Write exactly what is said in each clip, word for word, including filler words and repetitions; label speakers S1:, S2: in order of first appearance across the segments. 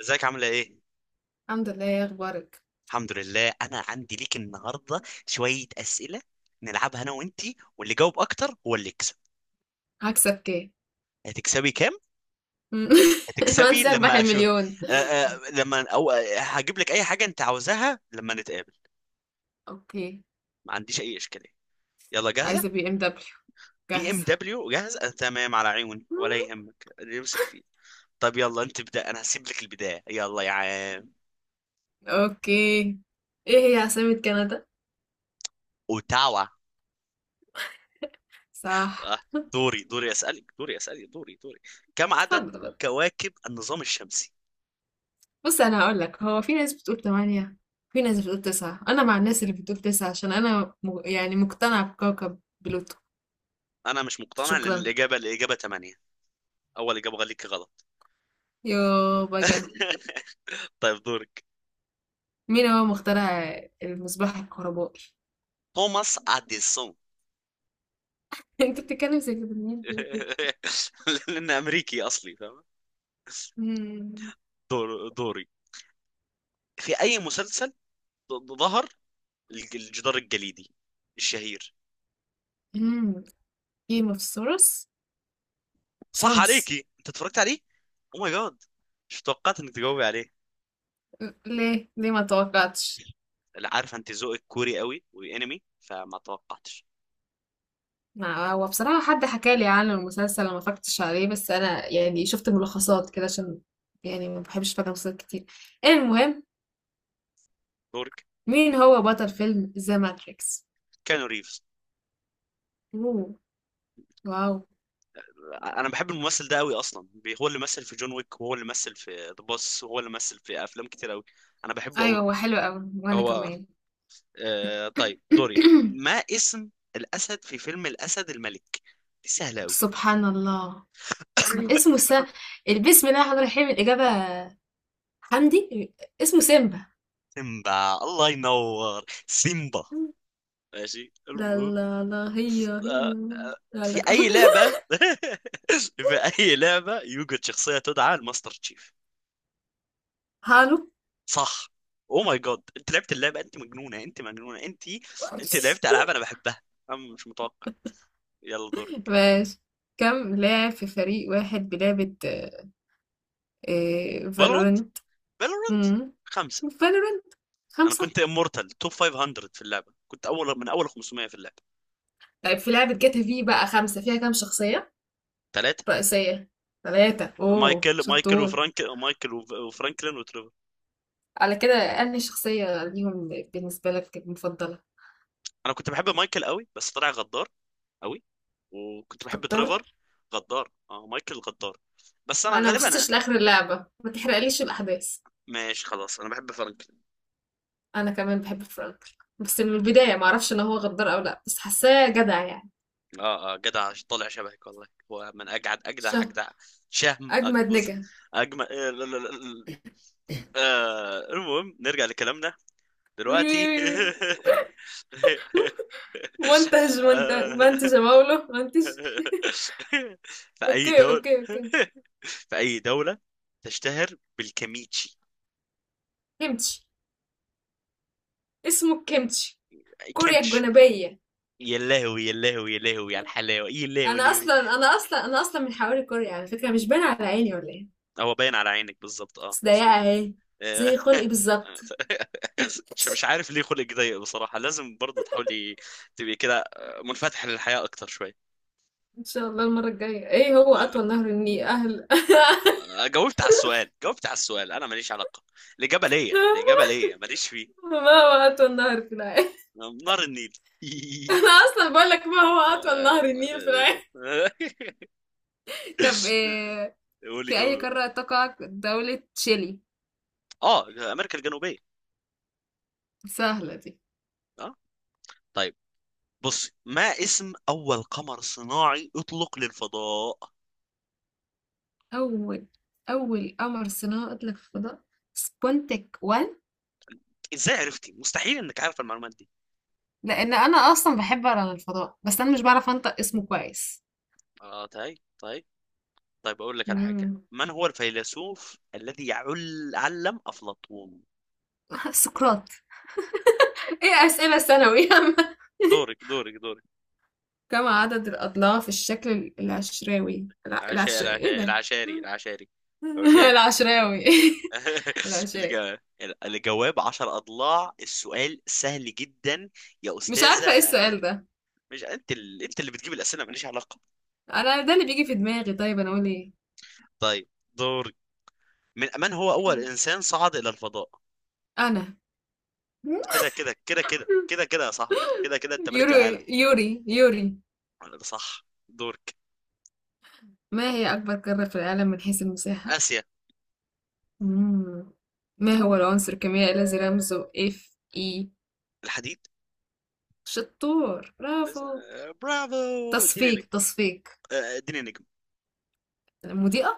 S1: ازيك، عاملة ايه؟
S2: الحمد لله. يا اخبارك؟
S1: الحمد لله. انا عندي ليك النهاردة شوية اسئلة نلعبها انا وانتي، واللي جاوب اكتر هو اللي يكسب.
S2: هكسب كام؟
S1: هتكسبي كام؟ هتكسبي
S2: وانسى اربح
S1: لما اشوف.
S2: المليون.
S1: أه أه لما او آه، هجيب لك اي حاجة انت عاوزاها لما نتقابل.
S2: اوكي.
S1: ما عنديش اي اشكالية. يلا، جاهزة؟
S2: عايزه بي ام دبليو.
S1: بي ام
S2: جاهزه.
S1: دبليو جاهز؟ أه، تمام، على عيوني، ولا
S2: مم.
S1: يهمك اللي يمسك فيه. طب يلا، انت ابدأ، انا هسيب لك البداية. يلا يا عم.
S2: اوكي. ايه هي عاصمة كندا؟
S1: اوتاوا.
S2: صح.
S1: أه دوري، دوري اسألك، دوري اسألك، دوري، دوري. كم عدد
S2: اتفضل.
S1: كواكب النظام الشمسي؟
S2: بص انا هقول لك، هو في ناس بتقول تمانية، في ناس بتقول تسعة، انا مع الناس اللي بتقول تسعة عشان انا م... يعني مقتنع بكوكب بلوتو.
S1: انا مش مقتنع لان
S2: شكرا.
S1: الاجابه الاجابه تمانية. اول اجابه غليك غلط.
S2: يو بقى.
S1: طيب دورك.
S2: مين هو مخترع المصباح الكهربائي؟
S1: توماس اديسون.
S2: انت بتتكلم زي كده، مين بيقول كده؟
S1: لان امريكي اصلي فاهم. دور دوري. في اي مسلسل ظ- ظهر الج- الجدار الجليدي الشهير؟
S2: مم. جيم اوف ثرونز.
S1: صح
S2: ثرونز.
S1: عليكي، انت اتفرجت عليه؟ او ماي جاد، مش توقعت انك تجاوبي عليه.
S2: ليه ليه ما توقعتش؟
S1: لا، عارف انت ذوقك كوري قوي وانمي، فما توقعتش.
S2: ما هو بصراحة، حد حكى لي عن المسلسل، أنا ما فكرتش عليه، بس أنا يعني شفت ملخصات كده، عشان يعني ما بحبش فاكر مسلسلات كتير. المهم.
S1: دورك.
S2: مين هو بطل فيلم ذا ماتريكس؟
S1: كانو ريفز.
S2: اوه. واو.
S1: انا بحب الممثل ده قوي اصلا. بي- هو اللي مثل في جون ويك، وهو اللي مثل في ذا بوس، وهو اللي مثل في افلام كتير قوي. انا بحبه قوي.
S2: أيوه، هو حلو أوي وأنا
S1: هو،
S2: كمان.
S1: آه، طيب دوري. ما اسم الاسد في فيلم الاسد الملك؟ دي سهله قوي.
S2: سبحان الله. سب- اسمه سا... بسم الله الرحمن الرحيم. الإجابة حمدي. اسمه سيمبا.
S1: سيمبا، الله ينور سيمبا. ماشي،
S2: لا،
S1: المهم.
S2: لا، لا، هي هي.
S1: آه، آه،
S2: لا
S1: في
S2: لك.
S1: اي لعبه، في اي لعبه يوجد شخصيه تدعى الماستر تشيف؟
S2: هالو.
S1: صح. او ماي جاد، انت لعبت اللعبه؟ انت مجنونه، انت مجنونه، انت. انت لعبت العاب انا بحبها. انا مش متوقع. يلا دورك.
S2: ماشي. كم لاعب في فريق واحد بلعبة
S1: فالورانت،
S2: فالورنت
S1: فالورانت، خمسة.
S2: فالورنت
S1: انا
S2: خمسة.
S1: كنت امورتال توب خمسمائة في اللعبة، كنت اول من اول خمسمائة في اللعبة.
S2: طيب في لعبة جاتا، في بقى خمسة، فيها كام شخصية
S1: ثلاثة.
S2: رئيسية؟ ثلاثة. اوه
S1: مايكل مايكل
S2: شطور.
S1: وفرانك مايكل وف- وفرانكلين وتريفر.
S2: على كده أنهي شخصية ليهم بالنسبة لك المفضلة؟
S1: انا كنت بحب مايكل قوي بس طلع غدار قوي. وكنت بحب
S2: اختار.
S1: تريفر. غدار، اه، مايكل غدار. بس انا
S2: أنا ما
S1: غالبا انا،
S2: وصلتش لآخر اللعبة، ما تحرقليش الأحداث.
S1: ماشي خلاص، انا بحب فرانكلين.
S2: انا كمان بحب فرانك، بس من البدايه ما اعرفش ان هو غدار او لا، بس حاساه جدع يعني.
S1: اه اه جدع. طالع شبهك والله. هو من اجعد
S2: شه
S1: اجدع اجدع شهم،
S2: اجمد
S1: اجبز،
S2: نجا.
S1: اجمل. آه لا- لا- لا- لا. آه، المهم، نرجع لكلامنا دلوقتي.
S2: منتج منتج
S1: آه،
S2: منتج يا مولو منتج.
S1: في اي
S2: اوكي، اوكي،
S1: دولة،
S2: اوكي.
S1: في اي دولة تشتهر بالكيميتشي؟
S2: كيمتشي. اسمه كيمتشي. كوريا
S1: كيمتشي.
S2: الجنوبيه.
S1: يا لهوي، يا لهوي، يا لهوي على الحلاوة، يا لهوي،
S2: انا
S1: يا لهوي.
S2: اصلا انا اصلا انا اصلا من حواري كوريا، على فكره، مش باينه على عيني ولا ايه؟
S1: هو باين على عينك بالظبط. اه،
S2: بس ضيقه
S1: مظبوط.
S2: اهي.
S1: آه.
S2: زي خلقي بالظبط.
S1: مش مش عارف ليه خلق ضيق بصراحة. لازم برضه تحاولي تبقي كده، آه، منفتح للحياة أكتر شوية.
S2: ان شاء الله المره الجايه. ايه هو اطول نهر النيل اهل؟
S1: آه، جاوبت على السؤال، جاوبت على السؤال، أنا ماليش علاقة. الإجابة ليا، الإجابة ليا، ماليش فيه.
S2: ما هو اطول نهر في العالم؟
S1: نار النيل.
S2: انا اصلا بقول لك، ما هو اطول نهر النيل في العالم. طب إيه؟
S1: قول لي.
S2: في أي
S1: جاوب.
S2: قارة تقع دولة تشيلي؟
S1: اه، أمريكا الجنوبية.
S2: سهلة دي.
S1: اه، طيب. بصي، ما اسم أول قمر صناعي أطلق للفضاء؟
S2: أول أول قمر صناعي أطلق في الفضاء سبونتك واحد.
S1: إزاي عرفتي؟ مستحيل إنك عارف المعلومات دي.
S2: لأن أنا أصلا بحب أقرأ عن الفضاء، بس أنا مش بعرف أنطق اسمه كويس.
S1: اه، طيب، طيب. طيب، أقول لك على حاجة،
S2: مم.
S1: من هو الفيلسوف الذي يعل علم أفلاطون؟
S2: سقراط. ايه اسئلة ثانوي يا عم.
S1: دورك، دورك، دورك.
S2: كم عدد الأضلاع في الشكل ال- العشراوي الع...
S1: العشاري،
S2: العش... ايه
S1: العشاري،
S2: ده؟
S1: العشاري، العشاري، العشاري.
S2: العشراوي. العشاب.
S1: الج- الجواب عشر أضلاع. السؤال سهل جدا يا
S2: مش عارفة ايه
S1: أستاذة.
S2: السؤال ده.
S1: مش أنت ال... أنت اللي بتجيب الأسئلة، ماليش علاقة.
S2: انا ده اللي بيجي في دماغي. طيب انا اقول ايه؟
S1: طيب، دورك. من من هو أول إنسان صعد إلى الفضاء؟
S2: انا.
S1: كده كده كده كده كده كده يا صاحبي، كده كده أنت ملك
S2: يوري
S1: العالم.
S2: يوري يوري.
S1: ده صح. دورك.
S2: ما هي اكبر قارة في العالم من حيث المساحة؟
S1: آسيا.
S2: مم. ما هو العنصر الكيميائي الذي رمزه اف اي؟
S1: الحديد.
S2: شطور برافو.
S1: آه، برافو، اديني
S2: تصفيق
S1: نجم.
S2: تصفيق.
S1: آه، اديني نجم.
S2: المضيئة.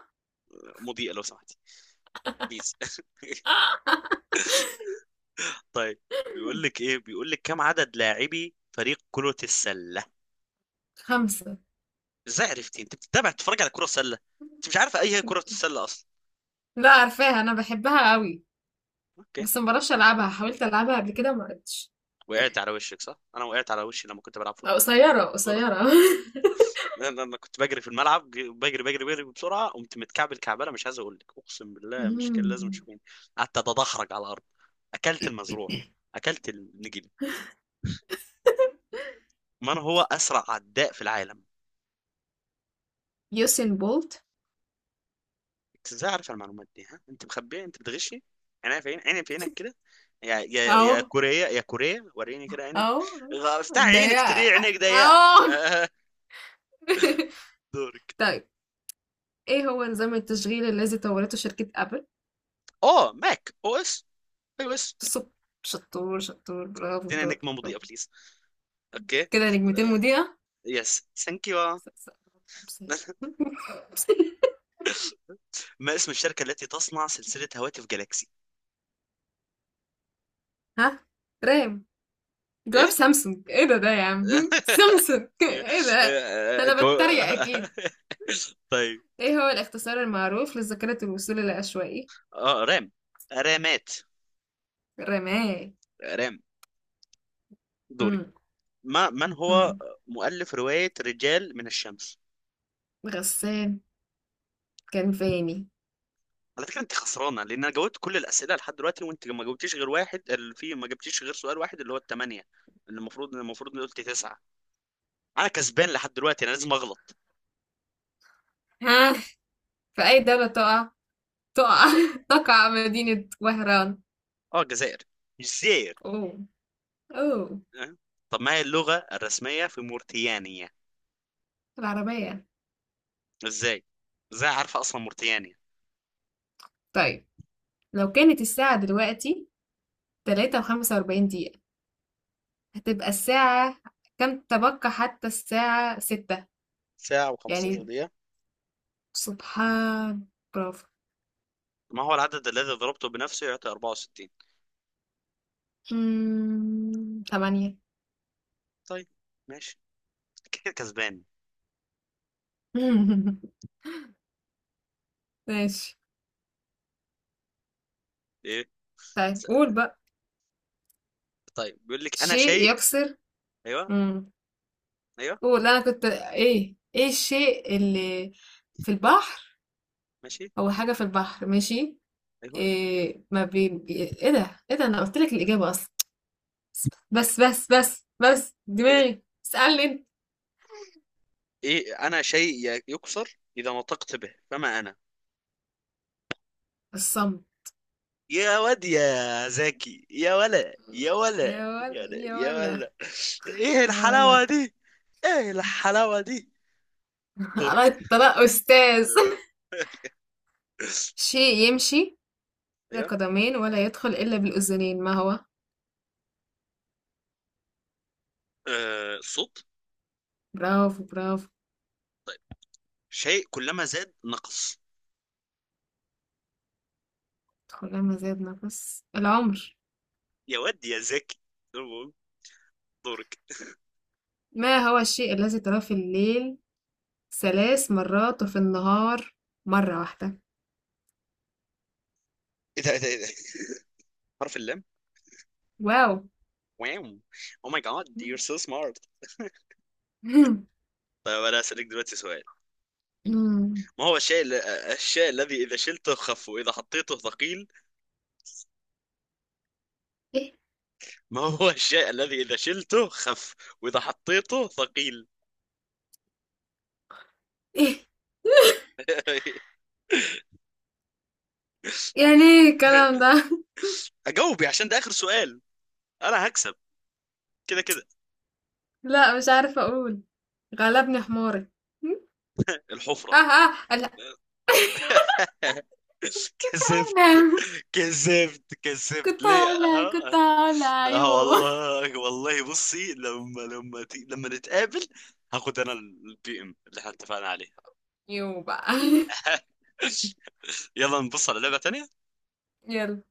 S1: مضيئة، لو سمحت. بليز. طيب، بيقول لك ايه، بيقول لك كم عدد لاعبي فريق كرة السلة؟
S2: خمسة.
S1: ازاي عرفتي؟ انت بتتابع، تتفرج على كرة سلة؟ انت مش عارفة اي هي كرة السلة اصلا.
S2: لا، عارفاها، انا بحبها قوي.
S1: اوكي.
S2: بس ما بعرفش العبها، حاولت العبها قبل كده ما عرفتش.
S1: وقعت على وشك، صح، انا وقعت على وشي لما كنت بلعب فوتبول،
S2: قصيرة
S1: كرة.
S2: قصيرة.
S1: انا أنا كنت بجري في الملعب، ج- بجري، بجري، بجري بسرعة، قمت متكعبل كعبلة، مش عايز اقول لك، اقسم بالله، مش كان لازم
S2: مم.
S1: تشوفيني. قعدت اتدحرج على الارض. اكلت المزروع. اكلت النجيل. من هو أسرع عداء في العالم؟
S2: يوسين بولت.
S1: أنت إزاي عارف المعلومات دي؟ ها، أنت مخبيها، أنت بتغشي. عينيا في عينك، عيني في عينك كده. يا يا يا
S2: اهو.
S1: كوريا، يا كوريا، وريني كده عينك.
S2: اه.
S1: غ- افتح
S2: ده
S1: عينك
S2: يا.
S1: تلاقي عينك ضيقة.
S2: اه.
S1: آه، دورك.
S2: طيب، ايه هو نظام التشغيل الذي طورته شركة ابل؟
S1: أه ماك أو إس. أيوه، إس.
S2: صب. شطور شطور، برافو
S1: ادينا
S2: برافو
S1: نجمة مضيئة،
S2: برافو.
S1: بليز. أوكي. آه،
S2: كده نجمتين مذيعة.
S1: يس ثانك يو.
S2: س- س-
S1: ما اسم الشركة التي تصنع سلسلة هواتف جالاكسي؟
S2: ها. رام. جواب
S1: إيه؟
S2: سامسونج. ايه ده ده يا عم. سامسونج ايه ده. انا
S1: الجو...
S2: بتريق اكيد.
S1: طيب.
S2: ايه هو الاختصار المعروف لذاكرة الوصول العشوائي؟
S1: اه رام، رامات،
S2: رمال.
S1: رام. دوري.
S2: امم
S1: ما من هو
S2: امم
S1: مؤلف رواية رجال من الشمس؟
S2: غسان كان فاني.
S1: على فكرة انت خسرانة، لان انا جاوبت كل الأسئلة لحد دلوقتي، وانت ما جاوبتيش غير واحد، ال- في ما جبتيش غير سؤال واحد اللي هو الثمانية، اللي المفروض المفروض إني قلت تسعة. انا كسبان لحد دلوقتي، انا لازم اغلط.
S2: ها. في اي دولة تقع تقع تقع مدينة وهران؟
S1: اه، الجزائر. الجزائر.
S2: أوه، أوه.
S1: أه؟ طب، ما هي اللغة الرسمية في موريتانيا؟
S2: العربية.
S1: ازاي ازاي عارفة اصلا موريتانيا؟
S2: طيب لو كانت الساعة دلوقتي تلاتة وخمسة وأربعين دقيقة، هتبقى الساعة كم، تبقى حتى الساعة ستة؟
S1: ساعة و15
S2: يعني
S1: دقيقة.
S2: سبحان. برافو.
S1: ما هو العدد الذي ضربته بنفسه يعطي اربعة وستين؟
S2: مم، تمانية.
S1: طيب، ماشي، كده كسبان.
S2: ماشي.
S1: ايه؟
S2: طيب
S1: س-
S2: قول بقى.
S1: طيب، بيقول لك انا
S2: شيء
S1: شيء.
S2: يكسر.
S1: ايوه.
S2: مم.
S1: ايوه.
S2: قول أنا كنت إيه إيه الشيء اللي في البحر،
S1: ماشي.
S2: هو حاجة في البحر ماشي.
S1: ايوه.
S2: إيه، ما بي... بي... ايه ده ايه ده انا قلت لك الاجابه اصلا، بس، بس، بس، بس دماغي اسالني انت.
S1: ايه، انا شيء ي- يكسر اذا نطقت به، فما انا؟
S2: الصمت.
S1: يا واد يا زكي. يا ولا، يا ولا،
S2: يا
S1: يا
S2: ولا
S1: ولا،
S2: يا
S1: يا
S2: ولا
S1: ولا. ايه
S2: يا
S1: الحلاوه
S2: ولا.
S1: دي؟ ايه الحلاوه دي؟ دورك.
S2: على الطلاق استاذ. شيء يمشي بلا
S1: ايوه.
S2: قدمين ولا يدخل الا بالاذنين، ما هو؟
S1: آه، صوت.
S2: برافو برافو.
S1: طيب، شيء كلما زاد نقص.
S2: ادخل لما زاد نفس العمر.
S1: يا واد يا زكي. دورك.
S2: ما هو الشيء الذي تراه في الليل ثلاث مرات وفي النهار مرة واحدة؟
S1: ايه ده، ايه ده، إيه ده؟ حرف اللام.
S2: واو.
S1: واو. او ماي جاد، يور سو سمارت. طيب، انا اسالك دلوقتي سؤال. ما هو الشيء ال- الشيء الذي إذا شلته خف وإذا حطيته ثقيل؟
S2: ايه.
S1: ما هو الشيء الذي إذا شلته خف وإذا حطيته ثقيل؟
S2: إيه يعني ايه الكلام ده.
S1: أجاوبي عشان ده آخر سؤال، أنا هكسب كده كده.
S2: لا مش عارفة اقول. غلبني حماري. اه،
S1: الحفرة.
S2: اه، لا.
S1: كذبت
S2: انا
S1: كذبت كذبت،
S2: كنت
S1: ليه؟
S2: هقولها كنت
S1: اه.
S2: هقولها
S1: اه،
S2: يو.
S1: والله، والله. بصي، لما، لما ت- لما نتقابل، هاخد انا البي ام اللي احنا اتفقنا عليه.
S2: يو بقى.
S1: يلا نبص على لعبة تانية.
S2: يلا.